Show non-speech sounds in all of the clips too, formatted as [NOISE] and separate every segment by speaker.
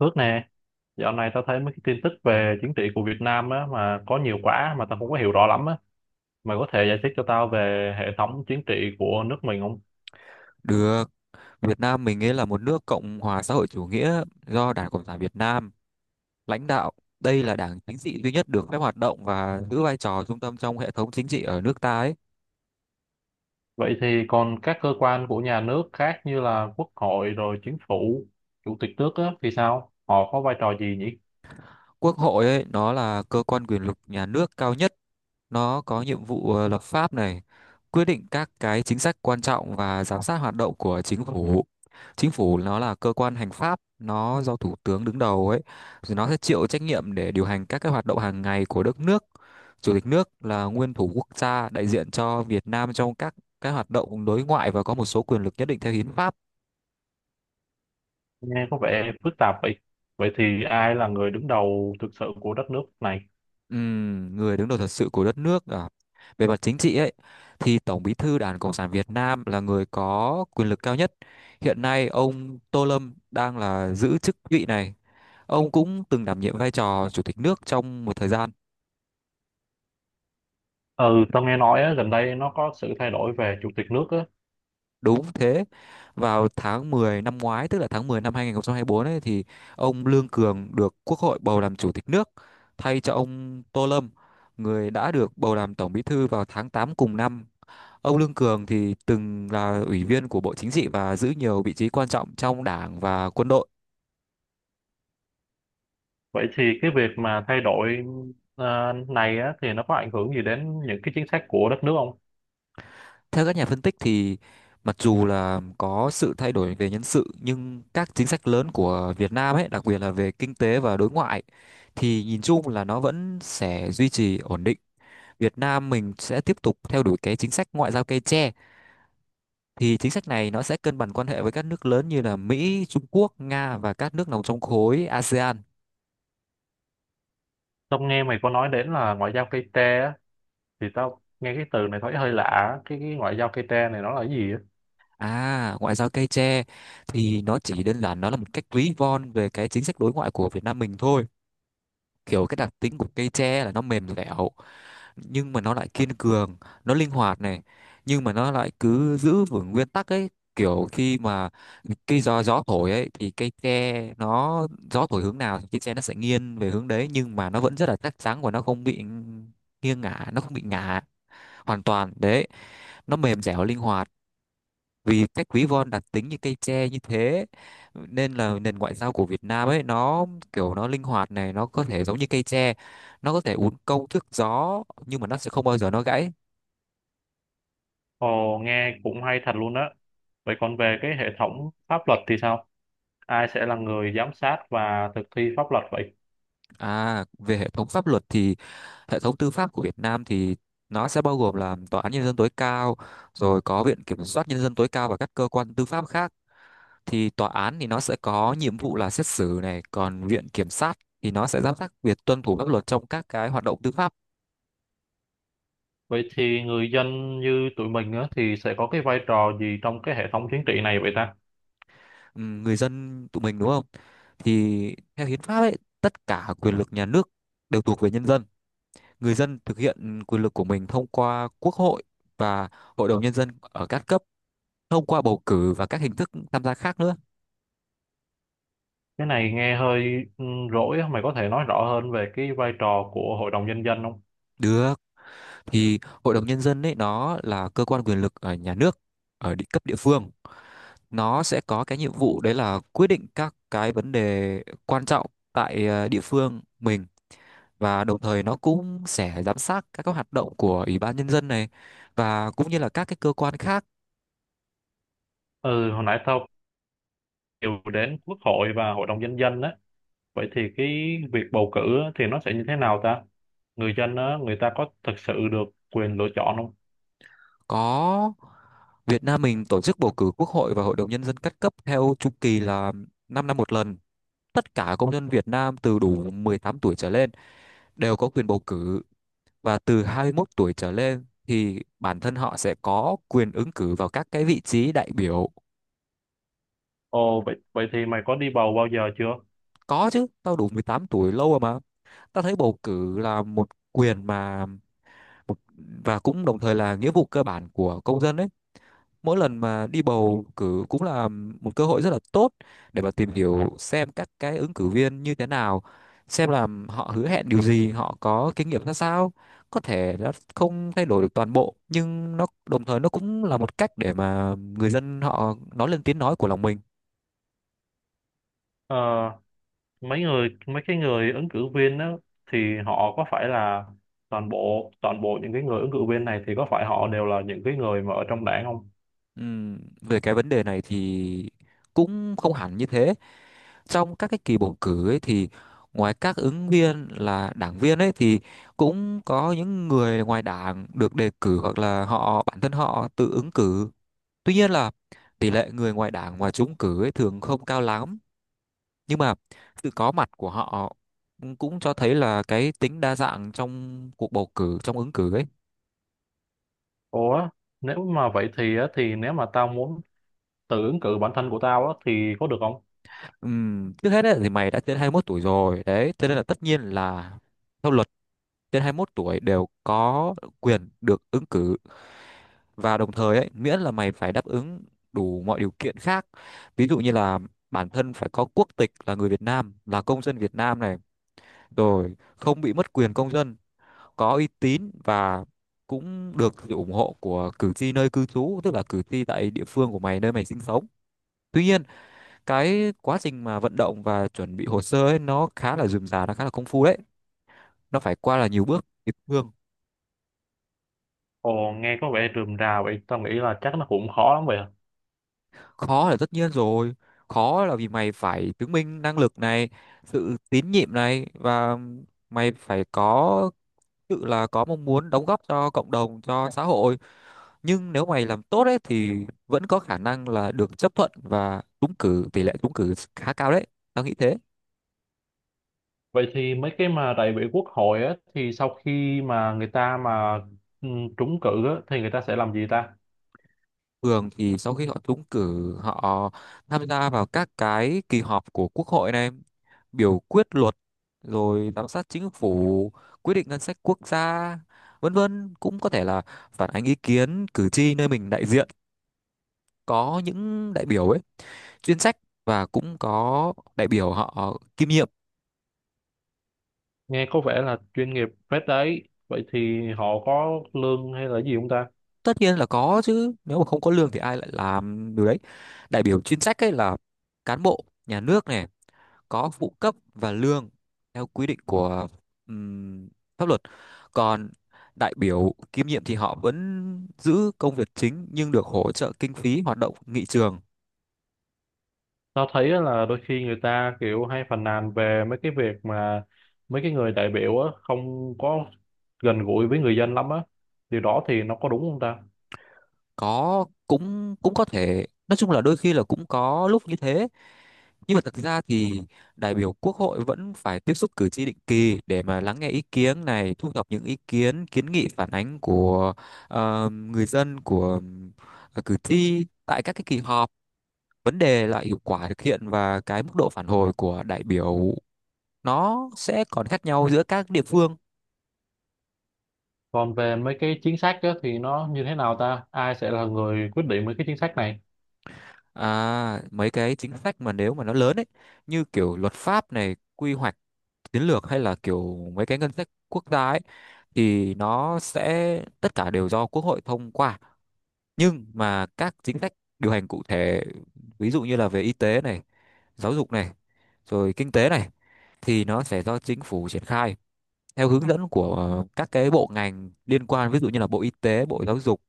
Speaker 1: Phước nè, dạo này tao thấy mấy cái tin tức về chính trị của Việt Nam á, mà có nhiều quá mà tao không có hiểu rõ lắm á. Mày có thể giải thích cho tao về hệ thống chính trị của nước mình không?
Speaker 2: Được, Việt Nam mình ấy là một nước Cộng hòa xã hội chủ nghĩa do Đảng Cộng sản Việt Nam lãnh đạo. Đây là đảng chính trị duy nhất được phép hoạt động và giữ vai trò trung tâm trong hệ thống chính trị ở nước ta ấy.
Speaker 1: Vậy thì còn các cơ quan của nhà nước khác như là Quốc hội rồi chính phủ, chủ tịch nước á, thì sao? Họ có vai trò gì nhỉ?
Speaker 2: Quốc hội ấy, nó là cơ quan quyền lực nhà nước cao nhất. Nó có nhiệm vụ lập pháp này, quyết định các cái chính sách quan trọng và giám sát hoạt động của chính phủ. Chính phủ nó là cơ quan hành pháp, nó do thủ tướng đứng đầu ấy, rồi nó sẽ chịu trách nhiệm để điều hành các cái hoạt động hàng ngày của đất nước. Chủ tịch nước là nguyên thủ quốc gia đại diện cho Việt Nam trong các cái hoạt động đối ngoại và có một số quyền lực nhất định theo hiến pháp.
Speaker 1: Nghe có vẻ phức tạp vậy. Vậy thì ai là người đứng đầu thực sự của đất nước này?
Speaker 2: Người đứng đầu thật sự của đất nước à. Về mặt chính trị ấy thì Tổng Bí thư Đảng Cộng sản Việt Nam là người có quyền lực cao nhất. Hiện nay ông Tô Lâm đang là giữ chức vị này. Ông cũng từng đảm nhiệm vai trò chủ tịch nước trong một thời gian.
Speaker 1: Ừ, tao nghe nói á, gần đây nó có sự thay đổi về chủ tịch nước á.
Speaker 2: Đúng thế. Vào tháng 10 năm ngoái, tức là tháng 10 năm 2024 ấy thì ông Lương Cường được Quốc hội bầu làm chủ tịch nước thay cho ông Tô Lâm, người đã được bầu làm Tổng Bí thư vào tháng 8 cùng năm. Ông Lương Cường thì từng là ủy viên của Bộ Chính trị và giữ nhiều vị trí quan trọng trong đảng và quân đội.
Speaker 1: Vậy thì cái việc mà thay đổi này á, thì nó có ảnh hưởng gì đến những cái chính sách của đất nước không?
Speaker 2: Theo các nhà phân tích thì mặc dù là có sự thay đổi về nhân sự nhưng các chính sách lớn của Việt Nam ấy, đặc biệt là về kinh tế và đối ngoại thì nhìn chung là nó vẫn sẽ duy trì ổn định. Việt Nam mình sẽ tiếp tục theo đuổi cái chính sách ngoại giao cây tre, thì chính sách này nó sẽ cân bằng quan hệ với các nước lớn như là Mỹ, Trung Quốc, Nga và các nước nằm trong khối ASEAN.
Speaker 1: Tao nghe mày có nói đến là ngoại giao cây tre á, thì tao nghe cái từ này thấy hơi lạ á. Cái ngoại giao cây tre này nó là cái gì á?
Speaker 2: À, ngoại giao cây tre thì nó chỉ đơn giản nó là một cách ví von về cái chính sách đối ngoại của Việt Nam mình thôi. Kiểu cái đặc tính của cây tre là nó mềm dẻo nhưng mà nó lại kiên cường, nó linh hoạt này, nhưng mà nó lại cứ giữ vững nguyên tắc ấy. Kiểu khi mà cây gió gió thổi ấy thì cây tre nó gió thổi hướng nào thì cây tre nó sẽ nghiêng về hướng đấy nhưng mà nó vẫn rất là chắc chắn và nó không bị nghiêng ngả, nó không bị ngả hoàn toàn. Đấy, nó mềm dẻo linh hoạt, vì cách ví von đặc tính như cây tre như thế nên là nền ngoại giao của Việt Nam ấy nó kiểu nó linh hoạt này, nó có thể giống như cây tre, nó có thể uốn cong thước gió nhưng mà nó sẽ không bao giờ nó gãy.
Speaker 1: Ồ, nghe cũng hay thật luôn á. Vậy còn về cái hệ thống pháp luật thì sao? Ai sẽ là người giám sát và thực thi pháp luật vậy?
Speaker 2: À, về hệ thống pháp luật thì hệ thống tư pháp của Việt Nam thì nó sẽ bao gồm là tòa án nhân dân tối cao, rồi có viện kiểm soát nhân dân tối cao và các cơ quan tư pháp khác. Thì tòa án thì nó sẽ có nhiệm vụ là xét xử này, còn viện kiểm sát thì nó sẽ giám sát việc tuân thủ pháp luật trong các cái hoạt động tư pháp.
Speaker 1: Vậy thì người dân như tụi mình á, thì sẽ có cái vai trò gì trong cái hệ thống chính trị này vậy ta?
Speaker 2: Người dân tụi mình đúng không? Thì theo hiến pháp ấy, tất cả quyền lực nhà nước đều thuộc về nhân dân. Người dân thực hiện quyền lực của mình thông qua quốc hội và hội đồng nhân dân ở các cấp, thông qua bầu cử và các hình thức tham gia khác nữa.
Speaker 1: Cái này nghe hơi rỗi á, mày có thể nói rõ hơn về cái vai trò của Hội đồng Nhân dân không?
Speaker 2: Được, thì hội đồng nhân dân ấy nó là cơ quan quyền lực ở nhà nước ở địa cấp địa phương. Nó sẽ có cái nhiệm vụ đấy là quyết định các cái vấn đề quan trọng tại địa phương mình, và đồng thời nó cũng sẽ giám sát các cái hoạt động của Ủy ban Nhân dân này và cũng như là các cái cơ quan khác.
Speaker 1: Ừ, hồi nãy tao đều đến Quốc hội và Hội đồng Nhân dân á. Vậy thì cái việc bầu cử á, thì nó sẽ như thế nào ta? Người dân á, người ta có thực sự được quyền lựa chọn không?
Speaker 2: Có, Việt Nam mình tổ chức bầu cử Quốc hội và Hội đồng Nhân dân các cấp theo chu kỳ là 5 năm một lần. Tất cả công dân Việt Nam từ đủ 18 tuổi trở lên đều có quyền bầu cử, và từ 21 tuổi trở lên thì bản thân họ sẽ có quyền ứng cử vào các cái vị trí đại biểu.
Speaker 1: Ồ, vậy thì mày có đi bầu bao giờ chưa?
Speaker 2: Có chứ, tao đủ 18 tuổi lâu rồi mà. Tao thấy bầu cử là một quyền mà Một- và cũng đồng thời là nghĩa vụ cơ bản của công dân ấy. Mỗi lần mà đi bầu cử cũng là một cơ hội rất là tốt để mà tìm hiểu xem các cái ứng cử viên như thế nào, xem là họ hứa hẹn điều gì, họ có kinh nghiệm ra sao. Có thể nó không thay đổi được toàn bộ nhưng nó đồng thời nó cũng là một cách để mà người dân họ nói lên tiếng nói của lòng mình.
Speaker 1: Ờ, mấy cái người ứng cử viên á, thì họ có phải là toàn bộ những cái người ứng cử viên này thì có phải họ đều là những cái người mà ở trong đảng không?
Speaker 2: Về cái vấn đề này thì cũng không hẳn như thế. Trong các cái kỳ bầu cử ấy thì ngoài các ứng viên là đảng viên ấy thì cũng có những người ngoài đảng được đề cử hoặc là họ bản thân họ tự ứng cử. Tuy nhiên là tỷ lệ người ngoài đảng mà trúng cử ấy thường không cao lắm, nhưng mà sự có mặt của họ cũng cho thấy là cái tính đa dạng trong cuộc bầu cử, trong ứng cử ấy.
Speaker 1: Ủa, nếu mà vậy thì á, thì nếu mà tao muốn tự ứng cử bản thân của tao á, thì có được không?
Speaker 2: Trước hết ấy, thì mày đã trên 21 tuổi rồi đấy, cho nên là tất nhiên là theo luật, trên 21 tuổi đều có quyền được ứng cử, và đồng thời ấy miễn là mày phải đáp ứng đủ mọi điều kiện khác, ví dụ như là bản thân phải có quốc tịch là người Việt Nam, là công dân Việt Nam này, rồi không bị mất quyền công dân, có uy tín và cũng được sự ủng hộ của cử tri nơi cư trú, tức là cử tri tại địa phương của mày nơi mày sinh sống. Tuy nhiên, cái quá trình mà vận động và chuẩn bị hồ sơ ấy nó khá là rườm rà, nó khá là công phu đấy, nó phải qua là nhiều bước địa phương.
Speaker 1: Ồ, nghe có vẻ rườm rà vậy, tao nghĩ là chắc nó cũng khó lắm vậy à.
Speaker 2: Khó là tất nhiên rồi, khó là vì mày phải chứng minh năng lực này, sự tín nhiệm này, và mày phải có tự là có mong muốn đóng góp cho cộng đồng, cho xã hội. Nhưng nếu mày làm tốt ấy thì vẫn có khả năng là được chấp thuận và trúng cử, tỷ lệ trúng cử khá cao đấy, tao nghĩ thế.
Speaker 1: Vậy thì mấy cái mà đại biểu quốc hội á, thì sau khi mà người ta mà ừ, trúng cử á, thì người ta sẽ làm gì ta?
Speaker 2: Thường thì sau khi họ trúng cử, họ tham gia vào các cái kỳ họp của Quốc hội này, biểu quyết luật, rồi giám sát chính phủ, quyết định ngân sách quốc gia vân vân. Cũng có thể là phản ánh ý kiến cử tri nơi mình đại diện. Có những đại biểu ấy chuyên trách, và cũng có đại biểu họ kiêm nhiệm.
Speaker 1: Nghe có vẻ là chuyên nghiệp phết đấy. Vậy thì họ có lương hay là gì không ta?
Speaker 2: Tất nhiên là có chứ, nếu mà không có lương thì ai lại làm điều đấy. Đại biểu chuyên trách ấy là cán bộ nhà nước này, có phụ cấp và lương theo quy định của ừm, pháp luật. Còn đại biểu kiêm nhiệm thì họ vẫn giữ công việc chính nhưng được hỗ trợ kinh phí hoạt động nghị trường.
Speaker 1: Tao thấy á là đôi khi người ta kiểu hay phàn nàn về mấy cái việc mà mấy cái người đại biểu á không có gần gũi với người dân lắm á, điều đó thì nó có đúng không ta?
Speaker 2: Có, cũng cũng có thể nói chung là đôi khi là cũng có lúc như thế, nhưng mà thực ra thì đại biểu quốc hội vẫn phải tiếp xúc cử tri định kỳ để mà lắng nghe ý kiến này, thu thập những ý kiến kiến nghị phản ánh của người dân, của cử tri tại các cái kỳ họp. Vấn đề là hiệu quả thực hiện và cái mức độ phản hồi của đại biểu nó sẽ còn khác nhau giữa các địa phương.
Speaker 1: Còn về mấy cái chính sách á thì nó như thế nào ta, ai sẽ là người quyết định mấy cái chính sách này?
Speaker 2: À, mấy cái chính sách mà nếu mà nó lớn ấy, như kiểu luật pháp này, quy hoạch, chiến lược, hay là kiểu mấy cái ngân sách quốc gia ấy, thì nó sẽ tất cả đều do quốc hội thông qua. Nhưng mà các chính sách điều hành cụ thể, ví dụ như là về y tế này, giáo dục này, rồi kinh tế này, thì nó sẽ do chính phủ triển khai theo hướng dẫn của các cái bộ ngành liên quan, ví dụ như là Bộ Y tế, Bộ Giáo dục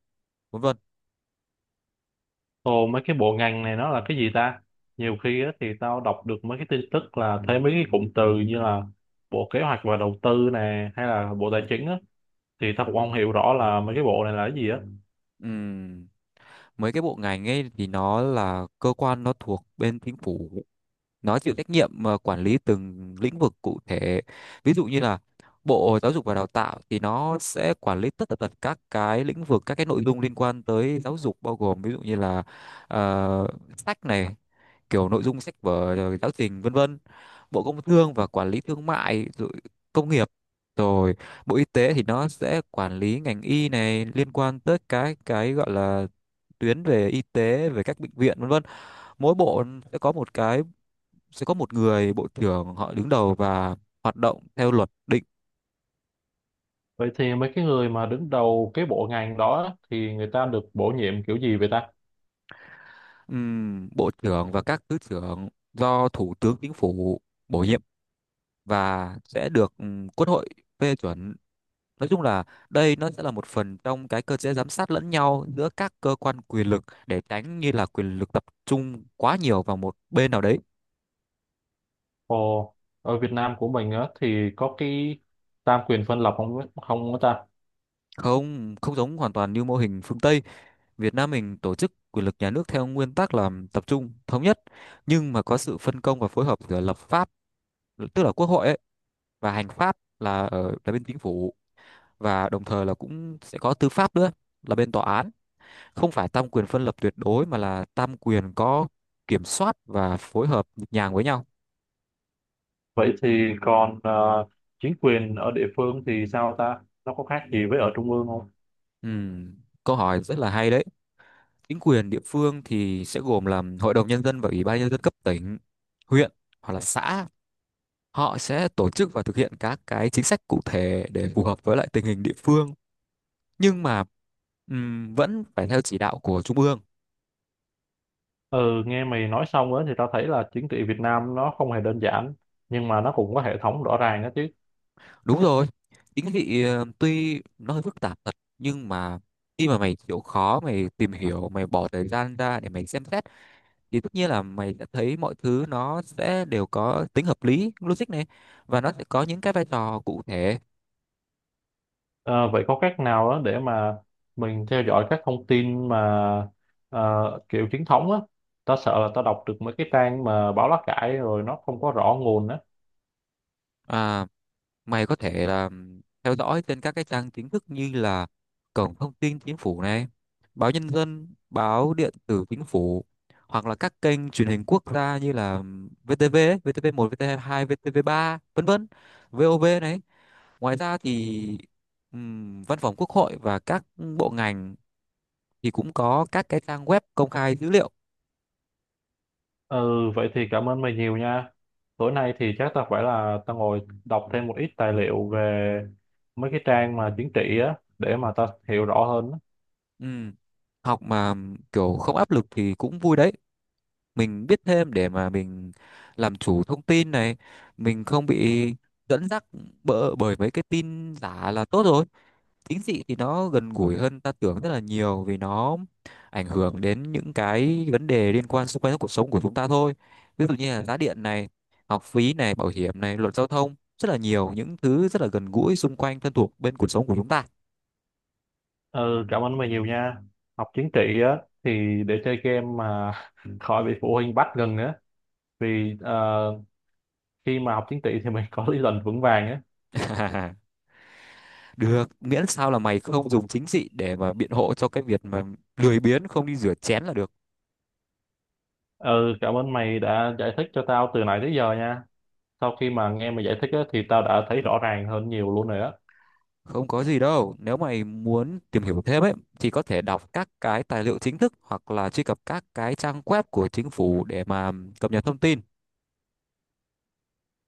Speaker 2: vân vân.
Speaker 1: Ồ, mấy cái bộ ngành này nó là cái gì ta? Nhiều khi á thì tao đọc được mấy cái tin tức là thấy mấy cái cụm từ như là bộ kế hoạch và đầu tư nè hay là bộ tài chính á, thì tao cũng không hiểu rõ là mấy cái bộ này là cái gì á.
Speaker 2: Ừm, Mấy cái bộ ngành ấy thì nó là cơ quan, nó thuộc bên chính phủ, nó chịu trách nhiệm mà quản lý từng lĩnh vực cụ thể, ví dụ như là Bộ Giáo dục và Đào tạo thì nó sẽ quản lý tất tật các cái lĩnh vực, các cái nội dung liên quan tới giáo dục, bao gồm ví dụ như là ờ, sách này, kiểu nội dung sách vở rồi giáo trình vân vân. Bộ Công Thương và quản lý thương mại, rồi công nghiệp, rồi Bộ Y tế thì nó sẽ quản lý ngành y này, liên quan tới cái gọi là tuyến về y tế, về các bệnh viện vân vân. Mỗi bộ sẽ có một cái, sẽ có một người bộ trưởng họ đứng đầu và hoạt động theo luật định.
Speaker 1: Vậy thì mấy cái người mà đứng đầu cái bộ ngành đó thì người ta được bổ nhiệm kiểu gì vậy ta?
Speaker 2: Bộ trưởng và các thứ trưởng do thủ tướng chính phủ bổ nhiệm và sẽ được quốc hội phê chuẩn. Nói chung là đây nó sẽ là một phần trong cái cơ chế giám sát lẫn nhau giữa các cơ quan quyền lực, để tránh như là quyền lực tập trung quá nhiều vào một bên nào đấy.
Speaker 1: Ồ, ở Việt Nam của mình á, thì có cái tam quyền phân lập không, không có ta?
Speaker 2: Không không giống hoàn toàn như mô hình phương Tây, Việt Nam mình tổ chức quyền lực nhà nước theo nguyên tắc là tập trung, thống nhất, nhưng mà có sự phân công và phối hợp giữa lập pháp, tức là quốc hội ấy, và hành pháp là ở là bên chính phủ, và đồng thời là cũng sẽ có tư pháp nữa, là bên tòa án. Không phải tam quyền phân lập tuyệt đối, mà là tam quyền có kiểm soát và phối hợp nhịp nhàng với nhau.
Speaker 1: Vậy thì còn chính quyền ở địa phương thì sao ta? Nó có khác gì với ở trung ương không?
Speaker 2: Ừm, câu hỏi rất là hay đấy. Chính quyền địa phương thì sẽ gồm là hội đồng nhân dân và ủy ban nhân dân cấp tỉnh, huyện, hoặc là xã. Họ sẽ tổ chức và thực hiện các cái chính sách cụ thể để phù hợp với lại tình hình địa phương, nhưng mà vẫn phải theo chỉ đạo của trung ương.
Speaker 1: Ừ, nghe mày nói xong á thì tao thấy là chính trị Việt Nam nó không hề đơn giản, nhưng mà nó cũng có hệ thống rõ ràng á chứ.
Speaker 2: Đúng rồi, chính vì tuy nó hơi phức tạp thật, nhưng mà khi mà mày chịu khó, mày tìm hiểu, mày bỏ thời gian ra để mày xem xét, thì tất nhiên là mày sẽ thấy mọi thứ nó sẽ đều có tính hợp lý, logic này, và nó sẽ có những cái vai trò cụ thể.
Speaker 1: Ờ, vậy có cách nào đó để mà mình theo dõi các thông tin mà kiểu chính thống á, ta sợ là ta đọc được mấy cái trang mà báo lá cải rồi nó không có rõ nguồn á.
Speaker 2: À, mày có thể là theo dõi trên các cái trang chính thức như là cổng thông tin chính phủ này, báo Nhân dân, báo điện tử chính phủ, hoặc là các kênh truyền hình quốc gia như là VTV, ấy, VTV1, VTV2, VTV3, vân vân, VOV này. Ngoài ra thì Văn phòng Quốc hội và các bộ ngành thì cũng có các cái trang web công khai dữ liệu.
Speaker 1: Ừ, vậy thì cảm ơn mày nhiều nha, tối nay thì chắc ta phải là ta ngồi đọc thêm một ít tài liệu về mấy cái trang mà chính trị á để mà ta hiểu rõ hơn á.
Speaker 2: Ừm, Học mà kiểu không áp lực thì cũng vui đấy. Mình biết thêm để mà mình làm chủ thông tin này, mình không bị dẫn dắt bỡ bởi mấy cái tin giả là tốt rồi. Chính trị thì nó gần gũi hơn ta tưởng rất là nhiều, vì nó ảnh hưởng đến những cái vấn đề liên quan xung quanh cuộc sống của chúng ta thôi. Ví dụ như là giá điện này, học phí này, bảo hiểm này, luật giao thông, rất là nhiều những thứ rất là gần gũi xung quanh, thân thuộc bên cuộc sống của chúng ta.
Speaker 1: Ừ, cảm ơn mày nhiều nha, học chính trị á thì để chơi game mà [LAUGHS] khỏi bị phụ huynh bắt gần nữa, vì khi mà học tiếng Tỵ thì mình [LAUGHS] có lý luận vững vàng á.
Speaker 2: [LAUGHS] Được, miễn sao là mày không dùng chính trị để mà biện hộ cho cái việc mà lười biếng không đi rửa chén là được.
Speaker 1: Ừ, cảm ơn mày đã giải thích cho tao từ nãy tới giờ nha, sau khi mà nghe mày giải thích á, thì tao đã thấy rõ ràng hơn nhiều luôn rồi đó.
Speaker 2: Không có gì đâu, nếu mày muốn tìm hiểu thêm ấy thì có thể đọc các cái tài liệu chính thức hoặc là truy cập các cái trang web của chính phủ để mà cập nhật thông tin.